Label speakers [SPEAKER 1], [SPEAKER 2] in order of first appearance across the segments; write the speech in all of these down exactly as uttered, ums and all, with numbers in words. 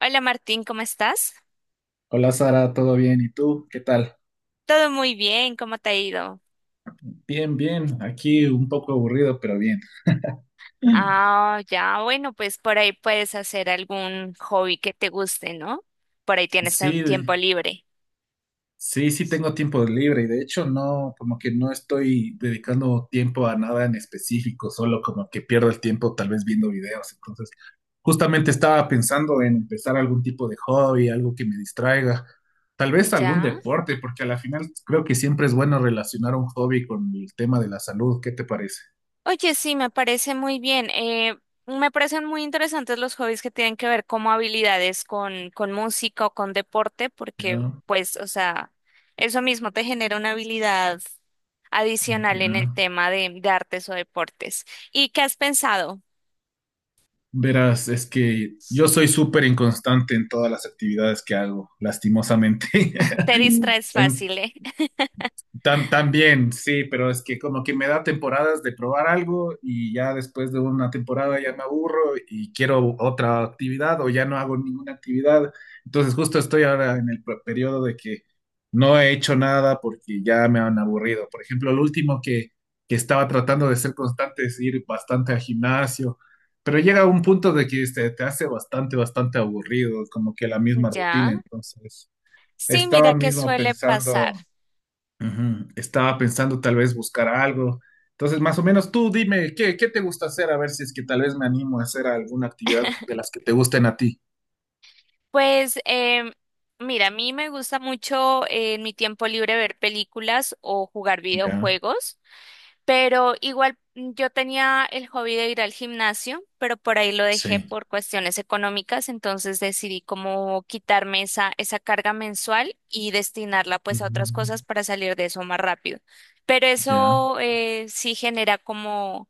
[SPEAKER 1] Hola Martín, ¿cómo estás?
[SPEAKER 2] Hola Sara, ¿todo bien? ¿Y tú? ¿Qué tal?
[SPEAKER 1] Todo muy bien, ¿cómo te ha ido?
[SPEAKER 2] Bien, bien. Aquí un poco aburrido, pero bien.
[SPEAKER 1] Ah, ya, bueno, pues por ahí puedes hacer algún hobby que te guste, ¿no? Por ahí tienes
[SPEAKER 2] Sí,
[SPEAKER 1] tem-
[SPEAKER 2] de-
[SPEAKER 1] tiempo libre.
[SPEAKER 2] sí, sí tengo tiempo libre y de hecho no, como que no estoy dedicando tiempo a nada en específico, solo como que pierdo el tiempo tal vez viendo videos. Entonces, justamente estaba pensando en empezar algún tipo de hobby, algo que me distraiga, tal vez algún
[SPEAKER 1] Ya.
[SPEAKER 2] deporte, porque a la final creo que siempre es bueno relacionar un hobby con el tema de la salud. ¿Qué te parece?
[SPEAKER 1] Oye, sí, me parece muy bien. Eh, me parecen muy interesantes los hobbies que tienen que ver como habilidades con, con música o con deporte, porque
[SPEAKER 2] Ya,
[SPEAKER 1] pues, o sea, eso mismo te genera una habilidad adicional en el
[SPEAKER 2] ya.
[SPEAKER 1] tema de de artes o deportes. ¿Y qué has pensado?
[SPEAKER 2] Verás, es que yo soy súper inconstante en todas las actividades que hago, lastimosamente.
[SPEAKER 1] Te distraes
[SPEAKER 2] En-
[SPEAKER 1] fácil, ¿eh?
[SPEAKER 2] Tam- también, sí, pero es que como que me da temporadas de probar algo y ya después de una temporada ya me aburro y quiero otra actividad o ya no hago ninguna actividad. Entonces justo estoy ahora en el pe- periodo de que no he hecho nada porque ya me han aburrido. Por ejemplo, lo último que, que estaba tratando de ser constante es ir bastante al gimnasio, pero llega un punto de que este, te hace bastante, bastante aburrido, como que la misma rutina.
[SPEAKER 1] Ya.
[SPEAKER 2] Entonces
[SPEAKER 1] Sí,
[SPEAKER 2] estaba
[SPEAKER 1] mira que
[SPEAKER 2] mismo
[SPEAKER 1] suele pasar.
[SPEAKER 2] pensando. Ujú. Estaba pensando tal vez buscar algo. Entonces, más o menos tú dime, ¿qué, qué te gusta hacer? A ver si es que tal vez me animo a hacer alguna actividad de las que te gusten a ti.
[SPEAKER 1] Pues, em, mira, a mí me gusta mucho eh, en mi tiempo libre ver películas o jugar
[SPEAKER 2] Ya,
[SPEAKER 1] videojuegos, pero igual mm, yo tenía el hobby de ir al gimnasio, pero por ahí lo dejé
[SPEAKER 2] sí.
[SPEAKER 1] por cuestiones económicas, entonces decidí como quitarme esa, esa carga mensual y destinarla pues a otras cosas
[SPEAKER 2] Mm.
[SPEAKER 1] para salir de eso más rápido. Pero
[SPEAKER 2] Ya,
[SPEAKER 1] eso eh, sí genera como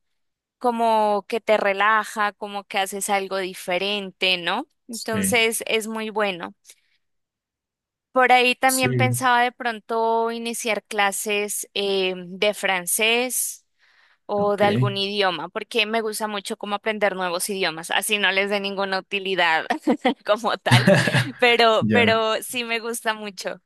[SPEAKER 1] como que te relaja, como que haces algo diferente, ¿no?
[SPEAKER 2] sí.
[SPEAKER 1] Entonces es muy bueno. Por ahí
[SPEAKER 2] Sí,
[SPEAKER 1] también pensaba de pronto iniciar clases eh, de francés o
[SPEAKER 2] ok.
[SPEAKER 1] de algún idioma, porque me gusta mucho como aprender nuevos idiomas, así no les dé ninguna utilidad como tal, pero,
[SPEAKER 2] Ya.
[SPEAKER 1] pero sí me gusta mucho.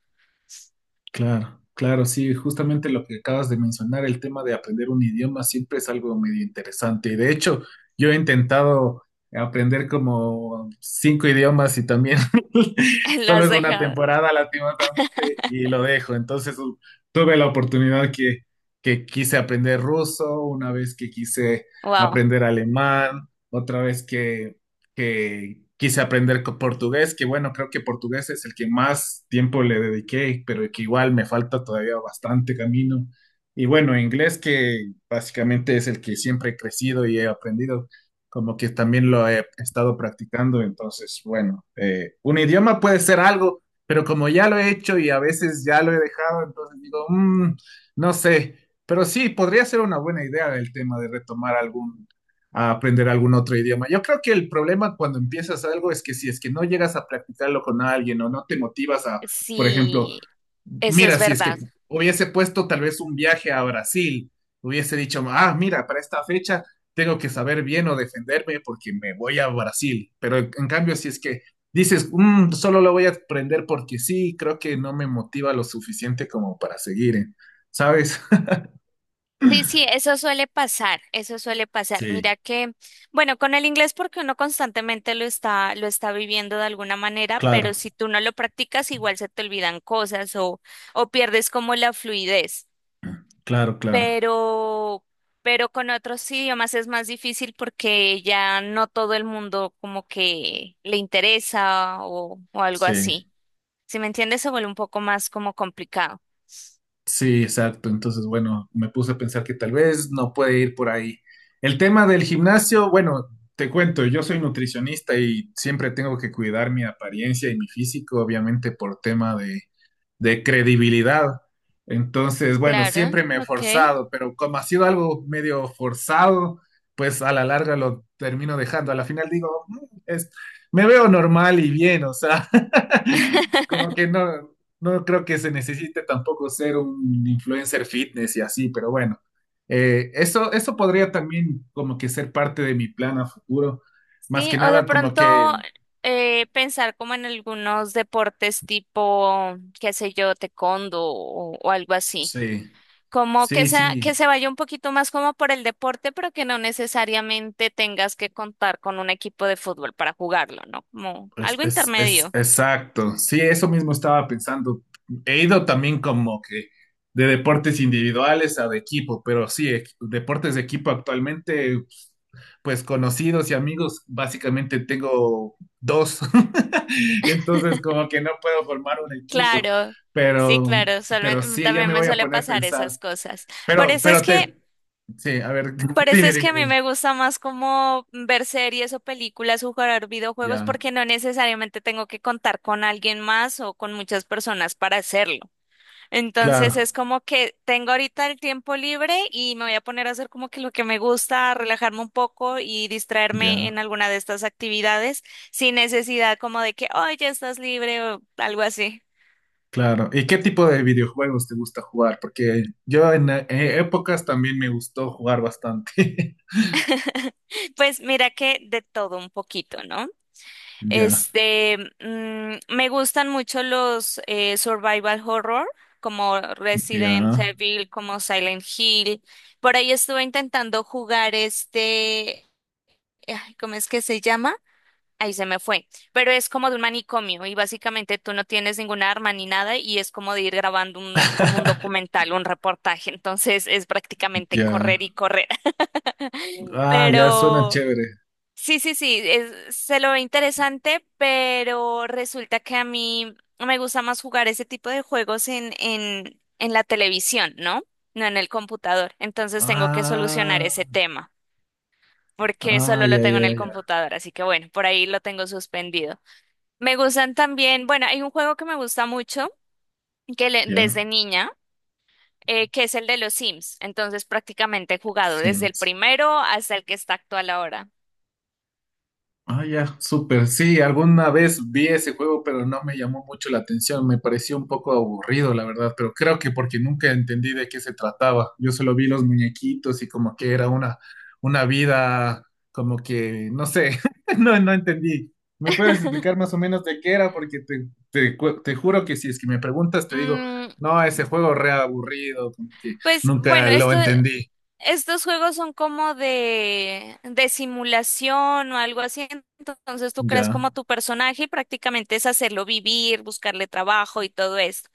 [SPEAKER 2] Claro, claro, sí, justamente lo que acabas de mencionar, el tema de aprender un idioma siempre es algo medio interesante. Y de hecho, yo he intentado aprender como cinco idiomas y también.
[SPEAKER 1] Lo
[SPEAKER 2] Solo
[SPEAKER 1] has
[SPEAKER 2] es una
[SPEAKER 1] dejado.
[SPEAKER 2] temporada, lastimosamente, y lo dejo. Entonces, u- tuve la oportunidad que, que quise aprender ruso, una vez que quise
[SPEAKER 1] Wow.
[SPEAKER 2] aprender alemán, otra vez que que quise aprender co- portugués, que bueno, creo que portugués es el que más tiempo le dediqué, pero que igual me falta todavía bastante camino. Y bueno, inglés que básicamente es el que siempre he crecido y he aprendido, como que también lo he estado practicando, entonces bueno, eh, un idioma puede ser algo, pero como ya lo he hecho y a veces ya lo he dejado, entonces digo, "Mm, no sé, pero sí, podría ser una buena idea el tema de retomar algún a aprender algún otro idioma". Yo creo que el problema cuando empiezas algo es que si es que no llegas a practicarlo con alguien o no te motivas a, por ejemplo,
[SPEAKER 1] Sí, eso
[SPEAKER 2] mira,
[SPEAKER 1] es
[SPEAKER 2] si es que
[SPEAKER 1] verdad.
[SPEAKER 2] hubiese puesto tal vez un viaje a Brasil, hubiese dicho, "Ah, mira, para esta fecha tengo que saber bien o defenderme porque me voy a Brasil". Pero en cambio, si es que dices, "Mm, solo lo voy a aprender porque sí, creo que no me motiva lo suficiente como para seguir, ¿eh? ¿sabes?"
[SPEAKER 1] Sí, sí, eso suele pasar, eso suele pasar.
[SPEAKER 2] Sí,
[SPEAKER 1] Mira que, bueno, con el inglés porque uno constantemente lo está, lo está viviendo de alguna manera, pero
[SPEAKER 2] claro,
[SPEAKER 1] si tú no lo practicas, igual se te olvidan cosas o, o pierdes como la fluidez.
[SPEAKER 2] claro, claro.
[SPEAKER 1] Pero, pero con otros idiomas es más difícil porque ya no todo el mundo como que le interesa o, o algo
[SPEAKER 2] Sí.
[SPEAKER 1] así. Si me entiendes, se vuelve un poco más como complicado.
[SPEAKER 2] Sí, exacto. Entonces, bueno, me puse a pensar que tal vez no puede ir por ahí. El tema del gimnasio, bueno, te cuento, yo soy nutricionista y siempre tengo que cuidar mi apariencia y mi físico, obviamente por tema de, de credibilidad. Entonces, bueno,
[SPEAKER 1] Claro,
[SPEAKER 2] siempre me he
[SPEAKER 1] ok.
[SPEAKER 2] forzado, pero como ha sido algo medio forzado, pues a la larga lo termino dejando. A la final digo, "Mm, es, me veo normal y bien, o sea, como que no, no creo que se necesite tampoco ser un influencer fitness y así", pero bueno, eh, eso, eso podría también como que ser parte de mi plan a futuro. Más
[SPEAKER 1] Sí,
[SPEAKER 2] que
[SPEAKER 1] o de
[SPEAKER 2] nada, como que
[SPEAKER 1] pronto eh, pensar como en algunos deportes tipo, qué sé yo, taekwondo o, o algo así.
[SPEAKER 2] sí,
[SPEAKER 1] Como que
[SPEAKER 2] sí,
[SPEAKER 1] sea, que
[SPEAKER 2] sí.
[SPEAKER 1] se vaya un poquito más como por el deporte, pero que no necesariamente tengas que contar con un equipo de fútbol para jugarlo, ¿no? Como
[SPEAKER 2] Es,
[SPEAKER 1] algo
[SPEAKER 2] es, es
[SPEAKER 1] intermedio.
[SPEAKER 2] exacto. Sí, eso mismo estaba pensando. He ido también como que de deportes individuales a de equipo, pero sí, equ- deportes de equipo actualmente, pues conocidos y amigos, básicamente tengo dos. Entonces, como que no puedo formar un equipo,
[SPEAKER 1] Claro, sí,
[SPEAKER 2] pero,
[SPEAKER 1] claro, suele-
[SPEAKER 2] pero sí, ya
[SPEAKER 1] también
[SPEAKER 2] me
[SPEAKER 1] me
[SPEAKER 2] voy a
[SPEAKER 1] suele
[SPEAKER 2] poner a
[SPEAKER 1] pasar
[SPEAKER 2] pensar.
[SPEAKER 1] esas cosas. Por
[SPEAKER 2] Pero,
[SPEAKER 1] eso es
[SPEAKER 2] pero
[SPEAKER 1] que
[SPEAKER 2] te, sí, a ver,
[SPEAKER 1] Por eso
[SPEAKER 2] dime,
[SPEAKER 1] es que
[SPEAKER 2] dime,
[SPEAKER 1] a mí
[SPEAKER 2] dime.
[SPEAKER 1] me gusta más como ver series o películas o jugar videojuegos
[SPEAKER 2] Ya,
[SPEAKER 1] porque no necesariamente tengo que contar con alguien más o con muchas personas para hacerlo. Entonces
[SPEAKER 2] claro,
[SPEAKER 1] es como que tengo ahorita el tiempo libre y me voy a poner a hacer como que lo que me gusta, relajarme un poco y distraerme
[SPEAKER 2] ya.
[SPEAKER 1] en alguna de estas actividades sin necesidad como de que, oh, ya estás libre o algo así.
[SPEAKER 2] Claro. ¿Y qué tipo de videojuegos te gusta jugar? Porque yo en e, eh, épocas también me gustó jugar bastante.
[SPEAKER 1] Pues mira que de todo un poquito, ¿no?
[SPEAKER 2] Ya,
[SPEAKER 1] Este, mm, me gustan mucho los eh, survival horror, como
[SPEAKER 2] ya,
[SPEAKER 1] Resident Evil, como Silent Hill. Por ahí estuve intentando jugar este, ay, ¿cómo es que se llama? Ahí se me fue. Pero es como de un manicomio y básicamente tú no tienes ninguna arma ni nada y es como de ir grabando un, como un documental, un reportaje. Entonces es prácticamente
[SPEAKER 2] ya.
[SPEAKER 1] correr y correr.
[SPEAKER 2] Ah, ya suena
[SPEAKER 1] Pero
[SPEAKER 2] chévere.
[SPEAKER 1] sí, sí, sí, es- se lo ve interesante, pero resulta que a mí me gusta más jugar ese tipo de juegos en, en, en la televisión, ¿no? No en el computador. Entonces tengo que solucionar
[SPEAKER 2] Ah,
[SPEAKER 1] ese tema, porque
[SPEAKER 2] ah,
[SPEAKER 1] solo lo
[SPEAKER 2] ya,
[SPEAKER 1] tengo en
[SPEAKER 2] ya,
[SPEAKER 1] el
[SPEAKER 2] ya,
[SPEAKER 1] computador, así que bueno, por ahí lo tengo suspendido. Me gustan también, bueno, hay un juego que me gusta mucho, que le-
[SPEAKER 2] ya.
[SPEAKER 1] desde niña, eh, que es el de los Sims. Entonces prácticamente he jugado desde el
[SPEAKER 2] Sims.
[SPEAKER 1] primero hasta el que está actual ahora.
[SPEAKER 2] Ah, ya, súper. Sí, alguna vez vi ese juego, pero no me llamó mucho la atención. Me pareció un poco aburrido, la verdad, pero creo que porque nunca entendí de qué se trataba. Yo solo vi los muñequitos y como que era una, una vida, como que, no sé, no, no entendí. ¿Me puedes explicar más o menos de qué era? Porque te, te, cu- te juro que si es que me preguntas, te digo,
[SPEAKER 1] Mm.
[SPEAKER 2] no, ese juego re aburrido, como que
[SPEAKER 1] Pues
[SPEAKER 2] nunca
[SPEAKER 1] bueno,
[SPEAKER 2] lo
[SPEAKER 1] esto,
[SPEAKER 2] entendí.
[SPEAKER 1] estos juegos son como de, de simulación o algo así. Entonces tú creas
[SPEAKER 2] Ya.
[SPEAKER 1] como tu personaje y prácticamente es hacerlo vivir, buscarle trabajo y todo esto.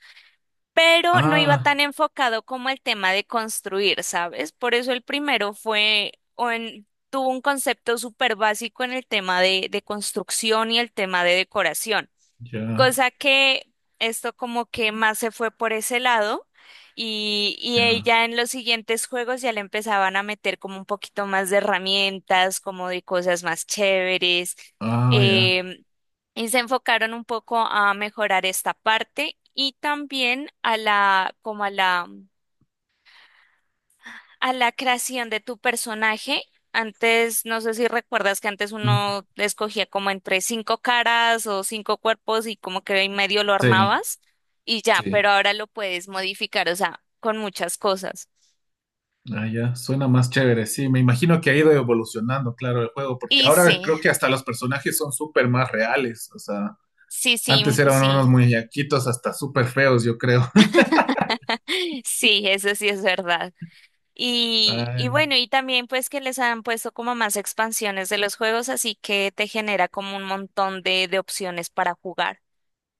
[SPEAKER 1] Pero no iba
[SPEAKER 2] Ah,
[SPEAKER 1] tan enfocado como el tema de construir, ¿sabes? Por eso el primero fue, o en- tuvo un concepto súper básico en el tema de, de construcción y el tema de decoración.
[SPEAKER 2] ya,
[SPEAKER 1] Cosa que esto como que más se fue por ese lado y, y
[SPEAKER 2] ya.
[SPEAKER 1] ella en los siguientes juegos ya le empezaban a meter como un poquito más de herramientas, como de cosas más chéveres.
[SPEAKER 2] Ah, ya.
[SPEAKER 1] em, y se enfocaron un poco a mejorar esta parte y también a la, como a la a la creación de tu personaje. Antes, no sé si recuerdas que antes uno escogía como entre cinco caras o cinco cuerpos y como que en medio lo
[SPEAKER 2] Sí,
[SPEAKER 1] armabas y ya,
[SPEAKER 2] sí.
[SPEAKER 1] pero ahora lo puedes modificar, o sea, con muchas cosas.
[SPEAKER 2] Ah, ya, suena más chévere. Sí, me imagino que ha ido evolucionando, claro, el juego, porque
[SPEAKER 1] Y
[SPEAKER 2] ahora
[SPEAKER 1] sí,
[SPEAKER 2] creo que hasta los personajes son súper más reales. O sea,
[SPEAKER 1] sí, sí,
[SPEAKER 2] antes
[SPEAKER 1] mm,
[SPEAKER 2] eran unos
[SPEAKER 1] sí,
[SPEAKER 2] muñequitos hasta súper feos, yo creo.
[SPEAKER 1] sí, eso sí es verdad. Y, y
[SPEAKER 2] Ay,
[SPEAKER 1] bueno, y también pues que les han puesto como más expansiones de los juegos, así que te genera como un montón de, de opciones para jugar.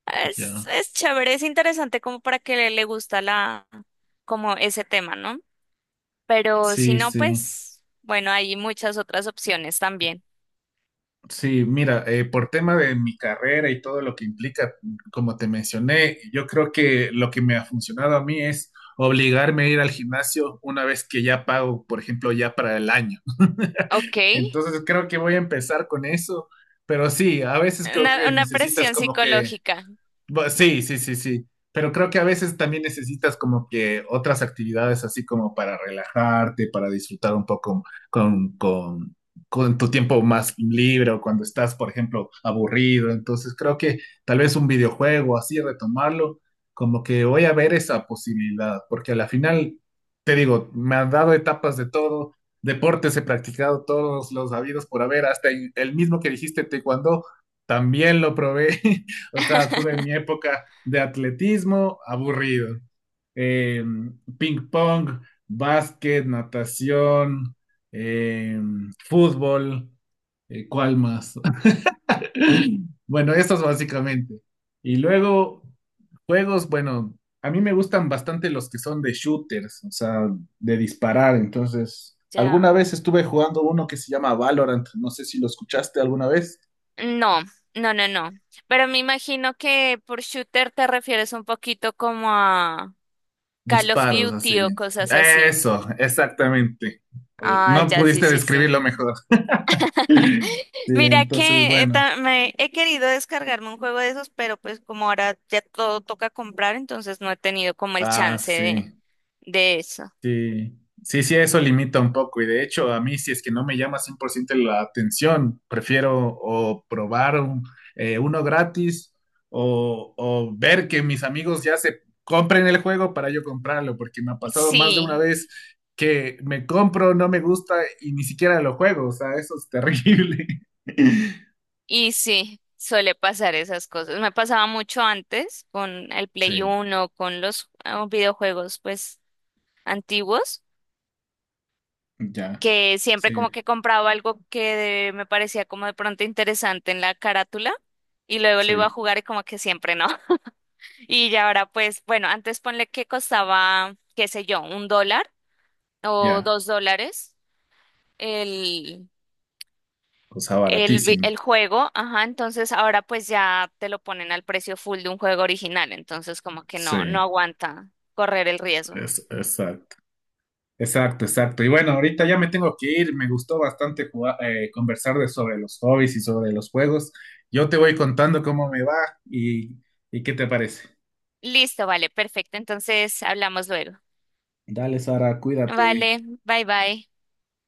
[SPEAKER 1] Es,
[SPEAKER 2] ya.
[SPEAKER 1] es chévere, es interesante como para que le, le gusta la, como ese tema, ¿no? Pero si
[SPEAKER 2] Sí,
[SPEAKER 1] no,
[SPEAKER 2] sí.
[SPEAKER 1] pues, bueno, hay muchas otras opciones también.
[SPEAKER 2] Sí, mira, eh, por tema de mi carrera y todo lo que implica, como te mencioné, yo creo que lo que me ha funcionado a mí es obligarme a ir al gimnasio una vez que ya pago, por ejemplo, ya para el año.
[SPEAKER 1] Ok.
[SPEAKER 2] Entonces creo que voy a empezar con eso, pero sí, a veces creo
[SPEAKER 1] Una,
[SPEAKER 2] que
[SPEAKER 1] una
[SPEAKER 2] necesitas
[SPEAKER 1] presión
[SPEAKER 2] como que.
[SPEAKER 1] psicológica.
[SPEAKER 2] Bu- Sí, sí, sí, sí. Pero creo que a veces también necesitas como que otras actividades así como para relajarte, para disfrutar un poco con, con, con tu tiempo más libre o cuando estás, por ejemplo, aburrido. Entonces creo que tal vez un videojuego así, retomarlo, como que voy a ver esa posibilidad, porque a la final, te digo, me han dado etapas de todo, deportes he practicado todos los habidos por haber, hasta el mismo que dijiste, taekwondo, también lo probé. O sea, tuve mi época de atletismo aburrido. Eh, ping pong, básquet, natación, eh, fútbol, eh, ¿cuál más? Bueno, estos básicamente. Y luego, juegos, bueno, a mí me gustan bastante los que son de shooters, o sea, de disparar. Entonces, alguna
[SPEAKER 1] Ya.
[SPEAKER 2] vez estuve jugando uno que se llama Valorant, no sé si lo escuchaste alguna vez.
[SPEAKER 1] No, no, no, no. Pero me imagino que por shooter te refieres un poquito como a Call of
[SPEAKER 2] Disparos así.
[SPEAKER 1] Duty o cosas así.
[SPEAKER 2] Eso, exactamente.
[SPEAKER 1] Ah,
[SPEAKER 2] No
[SPEAKER 1] ya, sí,
[SPEAKER 2] pudiste
[SPEAKER 1] sí, sí.
[SPEAKER 2] describirlo mejor. Sí,
[SPEAKER 1] Mira
[SPEAKER 2] entonces,
[SPEAKER 1] que eh,
[SPEAKER 2] bueno.
[SPEAKER 1] ta- me he querido descargarme un juego de esos, pero pues como ahora ya todo toca comprar, entonces no he tenido como el
[SPEAKER 2] Ah,
[SPEAKER 1] chance de,
[SPEAKER 2] sí.
[SPEAKER 1] de eso.
[SPEAKER 2] Sí, sí, sí, eso limita un poco. Y de hecho, a mí, si es que no me llama cien por ciento la atención, prefiero o probar un- eh, uno gratis o, o ver que mis amigos ya se compren el juego para yo comprarlo, porque me ha pasado más de una
[SPEAKER 1] Sí,
[SPEAKER 2] vez que me compro, no me gusta y ni siquiera lo juego. O sea, eso es terrible.
[SPEAKER 1] y sí, suele pasar esas cosas. Me pasaba mucho antes con el Play
[SPEAKER 2] Sí,
[SPEAKER 1] uno, con los eh, videojuegos pues antiguos,
[SPEAKER 2] ya,
[SPEAKER 1] que siempre
[SPEAKER 2] sí,
[SPEAKER 1] como que compraba algo que de- me parecía como de pronto interesante en la carátula y luego lo iba a
[SPEAKER 2] sí,
[SPEAKER 1] jugar y como que siempre no. Y ya ahora, pues, bueno, antes ponle que costaba, qué sé yo, un dólar o
[SPEAKER 2] ya.
[SPEAKER 1] dos dólares el,
[SPEAKER 2] O sea,
[SPEAKER 1] el, vi-
[SPEAKER 2] baratísimo.
[SPEAKER 1] el juego, ajá, entonces ahora pues ya te lo ponen al precio full de un juego original, entonces como que
[SPEAKER 2] Sí,
[SPEAKER 1] no, no aguanta correr el riesgo.
[SPEAKER 2] es, exacto. Exacto, exacto. Y bueno, ahorita ya me tengo que ir. Me gustó bastante jugar- eh, conversar de sobre los hobbies y sobre los juegos. Yo te voy contando cómo me va y, y qué te parece.
[SPEAKER 1] Listo, vale, perfecto, entonces hablamos luego.
[SPEAKER 2] Dale, Sara, cuídate.
[SPEAKER 1] Vale, bye bye.